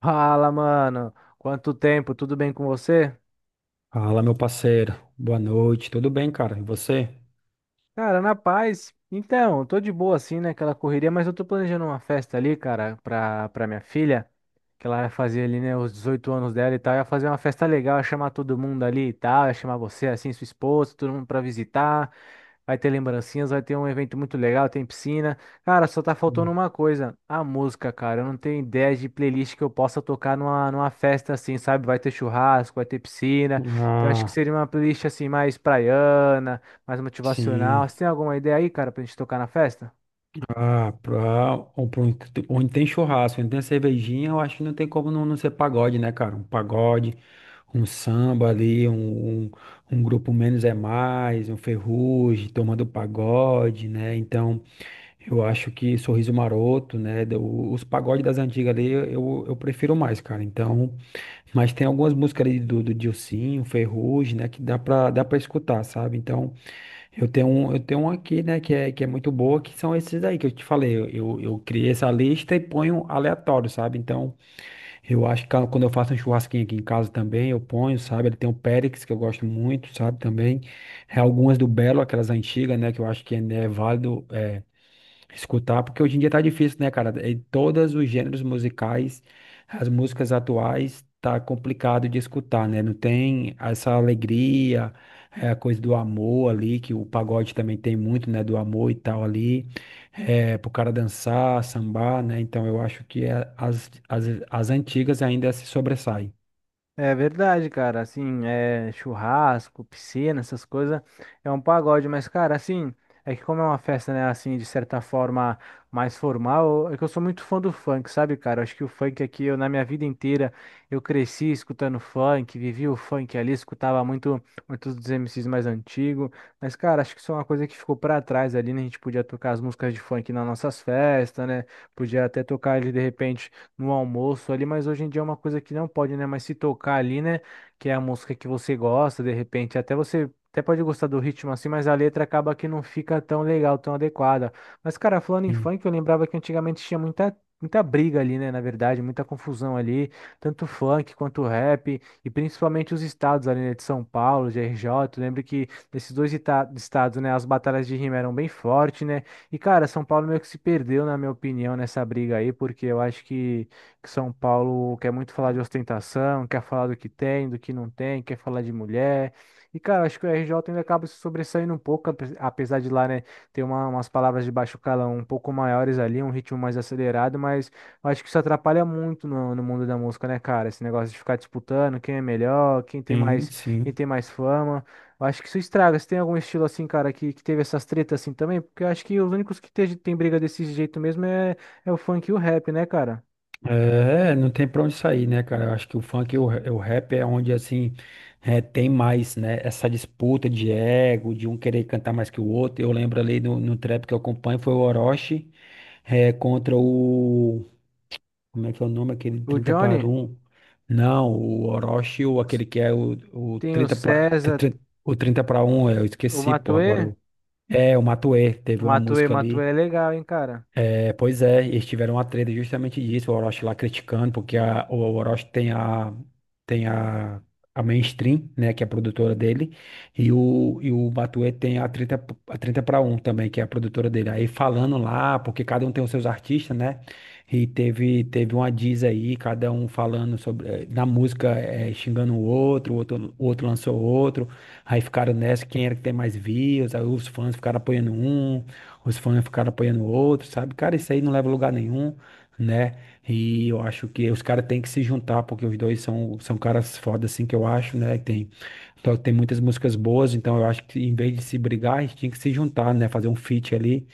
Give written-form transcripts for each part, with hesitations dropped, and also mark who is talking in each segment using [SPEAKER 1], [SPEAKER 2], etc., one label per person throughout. [SPEAKER 1] Fala, mano. Quanto tempo? Tudo bem com você?
[SPEAKER 2] Fala, meu parceiro. Boa noite. Tudo bem, cara? E você?
[SPEAKER 1] Cara, na paz. Então, eu tô de boa assim, né? Aquela correria, mas eu tô planejando uma festa ali, cara, pra minha filha, que ela vai fazer ali, né, os 18 anos dela e tal. Ia fazer uma festa legal, ia chamar todo mundo ali e tal, ia chamar você, assim, sua esposa, todo mundo pra visitar. Vai ter lembrancinhas, vai ter um evento muito legal, tem piscina. Cara, só tá faltando
[SPEAKER 2] Hum.
[SPEAKER 1] uma coisa, a música, cara. Eu não tenho ideia de playlist que eu possa tocar numa festa assim, sabe? Vai ter churrasco, vai ter piscina. Então acho que
[SPEAKER 2] Ah,
[SPEAKER 1] seria uma playlist assim mais praiana mais
[SPEAKER 2] sim.
[SPEAKER 1] motivacional. Você tem alguma ideia aí, cara, pra gente tocar na festa?
[SPEAKER 2] Pra onde tem churrasco, onde tem cervejinha, eu acho que não tem como não ser pagode, né, cara? Um pagode, um samba ali, um grupo menos é mais, um ferrugem, tomando pagode, né? Então, eu acho que Sorriso Maroto, né? Os pagodes das antigas ali, eu prefiro mais, cara. Então. Mas tem algumas músicas ali do Dilsinho, Ferrugem, né, que dá pra escutar, sabe? Então, eu tenho um aqui, né, que é muito boa, que são esses aí que eu te falei. Eu criei essa lista e ponho aleatório, sabe? Então, eu acho que quando eu faço um churrasquinho aqui em casa também, eu ponho, sabe? Ele tem o Périx, que eu gosto muito, sabe? Também. É algumas do Belo, aquelas antigas, né, que eu acho que ainda é válido escutar, porque hoje em dia tá difícil, né, cara? Em todos os gêneros musicais, as músicas atuais, tá complicado de escutar, né? Não tem essa alegria, é a coisa do amor ali, que o pagode também tem muito, né? Do amor e tal ali, é, pro cara dançar, sambar, né? Então eu acho que as antigas ainda se sobressaem.
[SPEAKER 1] É verdade, cara. Assim, é churrasco, piscina, essas coisas. É um pagode, mas, cara, assim, é que como é uma festa, né, assim, de certa forma mais formal, é que eu sou muito fã do funk, sabe, cara? Eu acho que o funk aqui, eu, na minha vida inteira, eu cresci escutando funk, vivi o funk ali, escutava muito, muitos dos MCs mais antigos. Mas, cara, acho que isso é uma coisa que ficou pra trás ali, né? A gente podia tocar as músicas de funk nas nossas festas, né? Podia até tocar ali de repente. No almoço ali, mas hoje em dia é uma coisa que não pode, né? Mas se tocar ali, né? Que é a música que você gosta, de repente, até você. Até pode gostar do ritmo assim, mas a letra acaba que não fica tão legal, tão adequada. Mas, cara, falando em
[SPEAKER 2] Sim,
[SPEAKER 1] funk, eu lembrava que antigamente tinha muita, muita briga ali, né? Na verdade, muita confusão ali, tanto funk quanto rap, e principalmente os estados ali, né? De São Paulo, de RJ. Eu lembro que nesses dois estados, né? As batalhas de rima eram bem fortes, né? E, cara, São Paulo meio que se perdeu, na minha opinião, nessa briga aí, porque eu acho que São Paulo quer muito falar de ostentação, quer falar do que tem, do que não tem, quer falar de mulher. E, cara, acho que o RJ ainda acaba se sobressaindo um pouco, apesar de lá, né, ter umas palavras de baixo calão um pouco maiores ali, um ritmo mais acelerado, mas eu acho que isso atrapalha muito no mundo da música, né, cara? Esse negócio de ficar disputando quem é melhor,
[SPEAKER 2] sim.
[SPEAKER 1] quem
[SPEAKER 2] Sim.
[SPEAKER 1] tem mais fama. Eu acho que isso estraga. Você tem algum estilo assim, cara, que teve essas tretas assim também? Porque eu acho que os únicos que tem briga desse jeito mesmo é, é o funk e o rap, né, cara?
[SPEAKER 2] É, não tem pra onde sair, né, cara? Eu acho que o funk e o rap é onde, assim, é, tem mais, né? Essa disputa de ego, de um querer cantar mais que o outro. Eu lembro ali no trap que eu acompanho, foi o Orochi, é, contra o... Como é que é o nome? Aquele
[SPEAKER 1] O
[SPEAKER 2] 30 para
[SPEAKER 1] Johnny,
[SPEAKER 2] um? Não, o Orochi, ou aquele que é o
[SPEAKER 1] tem o
[SPEAKER 2] 30 para...
[SPEAKER 1] César,
[SPEAKER 2] O 30 para um? Eu
[SPEAKER 1] o
[SPEAKER 2] esqueci, pô, agora.
[SPEAKER 1] Matuê.
[SPEAKER 2] É, o Matuê,
[SPEAKER 1] O
[SPEAKER 2] teve uma
[SPEAKER 1] Matuê,
[SPEAKER 2] música
[SPEAKER 1] Matuê
[SPEAKER 2] ali.
[SPEAKER 1] é legal, hein, cara.
[SPEAKER 2] É, pois é, eles tiveram uma treta justamente disso, o Orochi lá criticando, porque o Orochi tem a Mainstream, né, que é a produtora dele, e o Matuê tem a 30 para um também, que é a produtora dele. Aí falando lá, porque cada um tem os seus artistas, né? E teve uma diz aí, cada um falando sobre, eh, na música, eh, xingando o outro, o outro lançou outro, aí ficaram nessa, quem era que tem mais views, aí os fãs ficaram apoiando um, os fãs ficaram apoiando o outro, sabe? Cara, isso aí não leva a lugar nenhum, né? E eu acho que os caras têm que se juntar, porque os dois são caras foda, assim, que eu acho, né? Tem, então, tem muitas músicas boas, então eu acho que em vez de se brigar, a gente tinha que se juntar, né? Fazer um feat ali.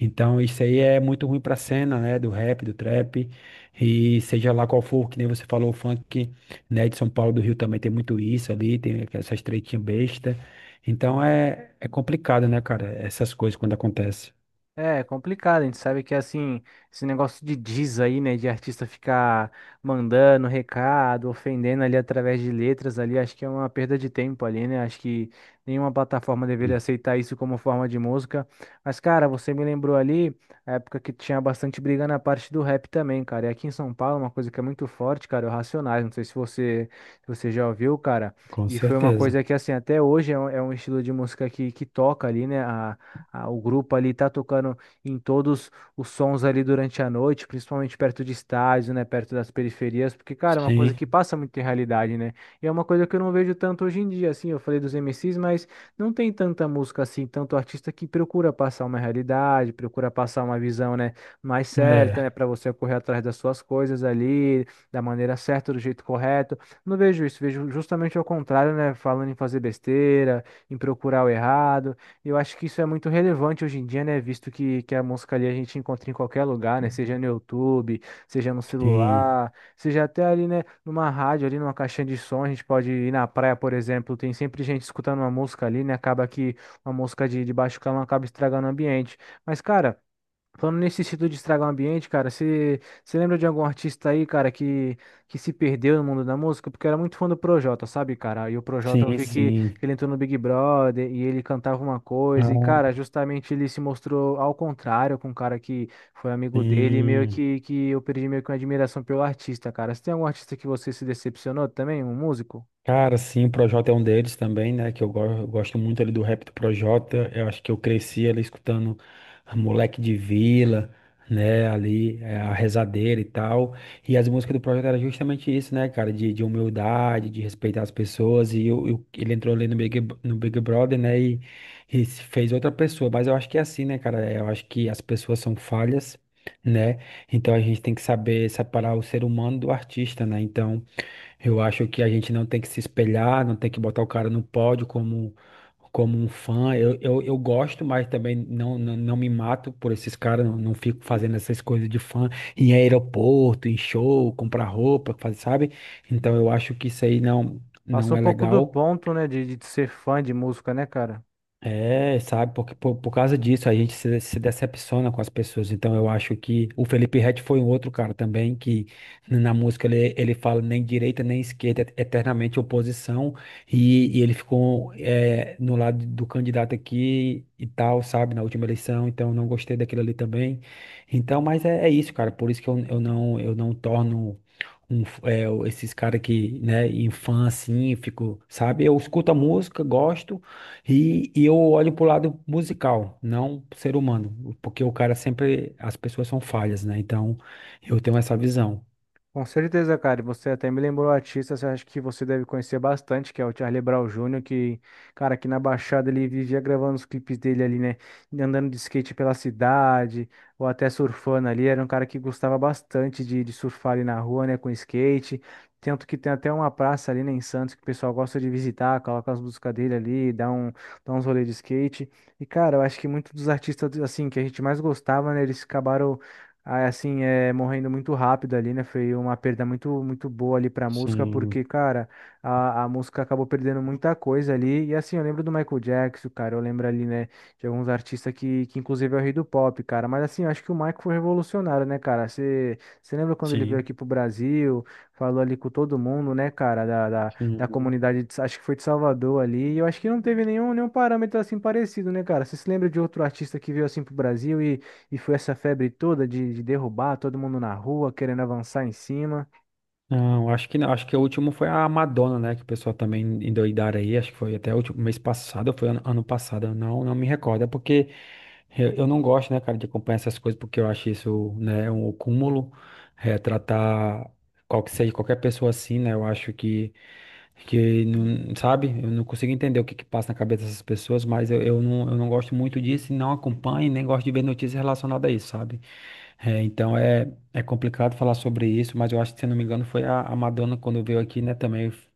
[SPEAKER 2] Então, isso aí é muito ruim pra cena, né? Do rap, do trap, e seja lá qual for, que nem você falou, o funk, né? De São Paulo, do Rio também tem muito isso ali, tem essas tretinhas besta. Então, é, é complicado, né, cara? Essas coisas quando acontecem.
[SPEAKER 1] É complicado, a gente sabe que assim, esse negócio de diz aí, né, de artista ficar mandando recado, ofendendo ali através de letras ali, acho que é uma perda de tempo ali, né? Acho que nenhuma plataforma deveria
[SPEAKER 2] Hum.
[SPEAKER 1] aceitar isso como forma de música. Mas, cara, você me lembrou ali a época que tinha bastante briga na parte do rap também, cara. E aqui em São Paulo, é uma coisa que é muito forte, cara, é o Racionais. Não sei se você, se você já ouviu, cara.
[SPEAKER 2] Com
[SPEAKER 1] E foi uma
[SPEAKER 2] certeza.
[SPEAKER 1] coisa que, assim, até hoje é um estilo de música que toca ali, né? O grupo ali tá tocando em todos os sons ali durante a noite, principalmente perto de estádios, né, perto das periferias, porque, cara, é uma coisa
[SPEAKER 2] Sim,
[SPEAKER 1] que passa muito em realidade, né? E é uma coisa que eu não vejo tanto hoje em dia, assim, eu falei dos MCs, mas não tem tanta música assim, tanto artista que procura passar uma realidade, procura passar uma visão, né, mais certa, né,
[SPEAKER 2] é,
[SPEAKER 1] para você correr atrás das suas coisas ali, da maneira certa, do jeito correto. Não vejo isso, vejo justamente ao contrário, né, falando em fazer besteira, em procurar o errado. Eu acho que isso é muito relevante hoje em dia, né? Visto que a música ali a gente encontra em qualquer lugar, né? Seja no YouTube, seja no
[SPEAKER 2] sim,
[SPEAKER 1] celular, seja até ali, né? Numa rádio, ali numa caixinha de som, a gente pode ir na praia, por exemplo, tem sempre gente escutando uma música ali, né? Acaba que uma música de baixo calão acaba estragando o ambiente. Mas, cara. Falando nesse sentido de estragar o ambiente, cara, você lembra de algum artista aí, cara, que se perdeu no mundo da música? Porque eu era muito fã do Projota, sabe, cara? E o Projota, eu
[SPEAKER 2] sim,
[SPEAKER 1] vi que
[SPEAKER 2] sim.
[SPEAKER 1] ele entrou no Big Brother e ele cantava uma coisa, e, cara,
[SPEAKER 2] Ah,
[SPEAKER 1] justamente ele se mostrou ao contrário com um cara que foi amigo dele, e meio
[SPEAKER 2] sim.
[SPEAKER 1] que eu perdi meio que uma admiração pelo artista, cara. Você tem algum artista que você se decepcionou também, um músico?
[SPEAKER 2] Cara, sim, o Projota é um deles também, né? Que eu, eu gosto muito ali do rap do Projota. Eu acho que eu cresci ali escutando Moleque de Vila, né? Ali, é, a Rezadeira e tal. E as músicas do Projota era justamente isso, né, cara? De humildade, de respeitar as pessoas. E ele entrou ali no no Big Brother, né? E se fez outra pessoa. Mas eu acho que é assim, né, cara? Eu acho que as pessoas são falhas, né? Então a gente tem que saber separar o ser humano do artista, né? Então. Eu acho que a gente não tem que se espelhar, não tem que botar o cara no pódio como, como um fã. Eu gosto, mas também não me mato por esses caras, não, não fico fazendo essas coisas de fã em aeroporto, em show, comprar roupa, fazer, sabe? Então eu acho que isso aí não, não
[SPEAKER 1] Passou um
[SPEAKER 2] é
[SPEAKER 1] pouco do
[SPEAKER 2] legal.
[SPEAKER 1] ponto, né, de ser fã de música, né, cara?
[SPEAKER 2] É, sabe, porque por causa disso a gente se decepciona com as pessoas. Então eu acho que o Felipe Ret foi um outro cara também que na música ele fala nem direita nem esquerda, é eternamente oposição, e ele ficou é, no lado do candidato aqui e tal, sabe, na última eleição, então eu não gostei daquilo ali também. Então, mas é, é isso, cara, por isso que eu não torno é, esses caras que, né, em fã assim, fico, sabe? Eu escuto a música, gosto. E eu olho pro lado musical, não pro ser humano, porque o cara sempre, as pessoas são falhas, né? Então, eu tenho essa visão.
[SPEAKER 1] Com certeza, cara. E você até me lembrou artistas, eu acho que você deve conhecer bastante, que é o Charlie Brown Júnior que, cara, aqui na Baixada ele vivia gravando os clipes dele ali, né? Andando de skate pela cidade, ou até surfando ali. Era um cara que gostava bastante de surfar ali na rua, né? Com skate. Tanto que tem até uma praça ali, né, em Santos, que o pessoal gosta de visitar, coloca as músicas dele ali, dá um, dá uns rolês de skate. E, cara, eu acho que muitos dos artistas, assim, que a gente mais gostava, né? Eles acabaram aí, assim, é, morrendo muito rápido ali, né? Foi uma perda muito, muito boa ali pra música, porque,
[SPEAKER 2] Sim,
[SPEAKER 1] cara, a música acabou perdendo muita coisa ali. E, assim, eu lembro do Michael Jackson, cara, eu lembro ali, né, de alguns artistas que inclusive, é o rei do pop, cara. Mas, assim, eu acho que o Michael foi revolucionário, né, cara? Você lembra quando ele veio
[SPEAKER 2] sim.
[SPEAKER 1] aqui pro Brasil, falou ali com todo mundo, né, cara, da
[SPEAKER 2] Uhum.
[SPEAKER 1] comunidade, acho que foi de Salvador ali. E eu acho que não teve nenhum, nenhum parâmetro, assim, parecido, né, cara? Você se lembra de outro artista que veio, assim, pro Brasil e foi essa febre toda de derrubar todo mundo na rua, querendo avançar em cima.
[SPEAKER 2] Não, acho que não, acho que o último foi a Madonna, né? Que o pessoal também endoidaram aí, acho que foi até o último mês passado, ou foi ano passado, eu não me recordo, é porque eu não gosto, né, cara, de acompanhar essas coisas, porque eu acho isso, né, um cúmulo, é, tratar qual que seja, qualquer pessoa assim, né? Eu acho que não, sabe? Eu não consigo entender o que que passa na cabeça dessas pessoas, mas eu não gosto muito disso e não acompanho, e nem gosto de ver notícias relacionadas a isso, sabe? É, então é, é complicado falar sobre isso, mas eu acho que, se eu não me engano, foi a Madonna quando veio aqui, né? Também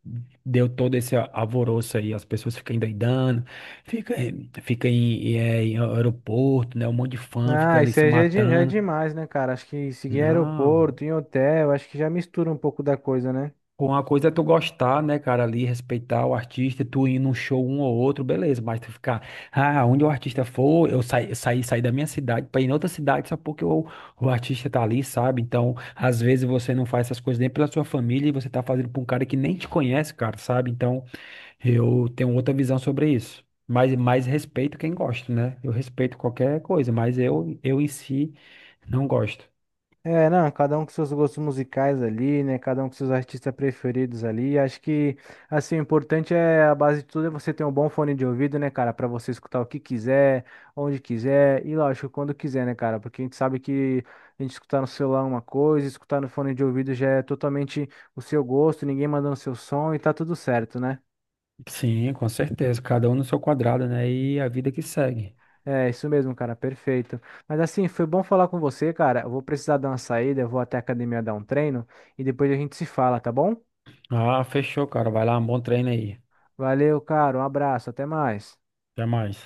[SPEAKER 2] deu todo esse alvoroço aí, as pessoas ficam endoidando, fica, fica é, em aeroporto, né? Um monte de fã fica
[SPEAKER 1] Ah,
[SPEAKER 2] ali
[SPEAKER 1] isso
[SPEAKER 2] se
[SPEAKER 1] aí já é, já é
[SPEAKER 2] matando.
[SPEAKER 1] demais, né, cara? Acho que seguir em
[SPEAKER 2] Não.
[SPEAKER 1] aeroporto, em hotel, acho que já mistura um pouco da coisa, né?
[SPEAKER 2] Com uma coisa é tu gostar, né, cara, ali, respeitar o artista, tu ir num show um ou outro, beleza, mas tu ficar, ah, onde o artista for, eu saí da minha cidade pra ir em outra cidade só porque o artista tá ali, sabe? Então, às vezes você não faz essas coisas nem pela sua família e você tá fazendo pra um cara que nem te conhece, cara, sabe? Então, eu tenho outra visão sobre isso. Mas respeito quem gosta, né? Eu respeito qualquer coisa, mas eu em si não gosto.
[SPEAKER 1] É, não, cada um com seus gostos musicais ali, né? Cada um com seus artistas preferidos ali. Acho que, assim, o importante é, a base de tudo é você ter um bom fone de ouvido, né, cara? Pra você escutar o que quiser, onde quiser e, lógico, quando quiser, né, cara? Porque a gente sabe que a gente escutar no celular é uma coisa, escutar no fone de ouvido já é totalmente o seu gosto, ninguém mandando seu som e tá tudo certo, né?
[SPEAKER 2] Sim, com certeza, cada um no seu quadrado, né? E a vida que segue.
[SPEAKER 1] É, isso mesmo, cara, perfeito. Mas assim, foi bom falar com você, cara. Eu vou precisar dar uma saída, eu vou até a academia dar um treino e depois a gente se fala, tá bom?
[SPEAKER 2] Ah, fechou, cara. Vai lá, um bom treino aí.
[SPEAKER 1] Valeu, cara. Um abraço. Até mais.
[SPEAKER 2] Até mais.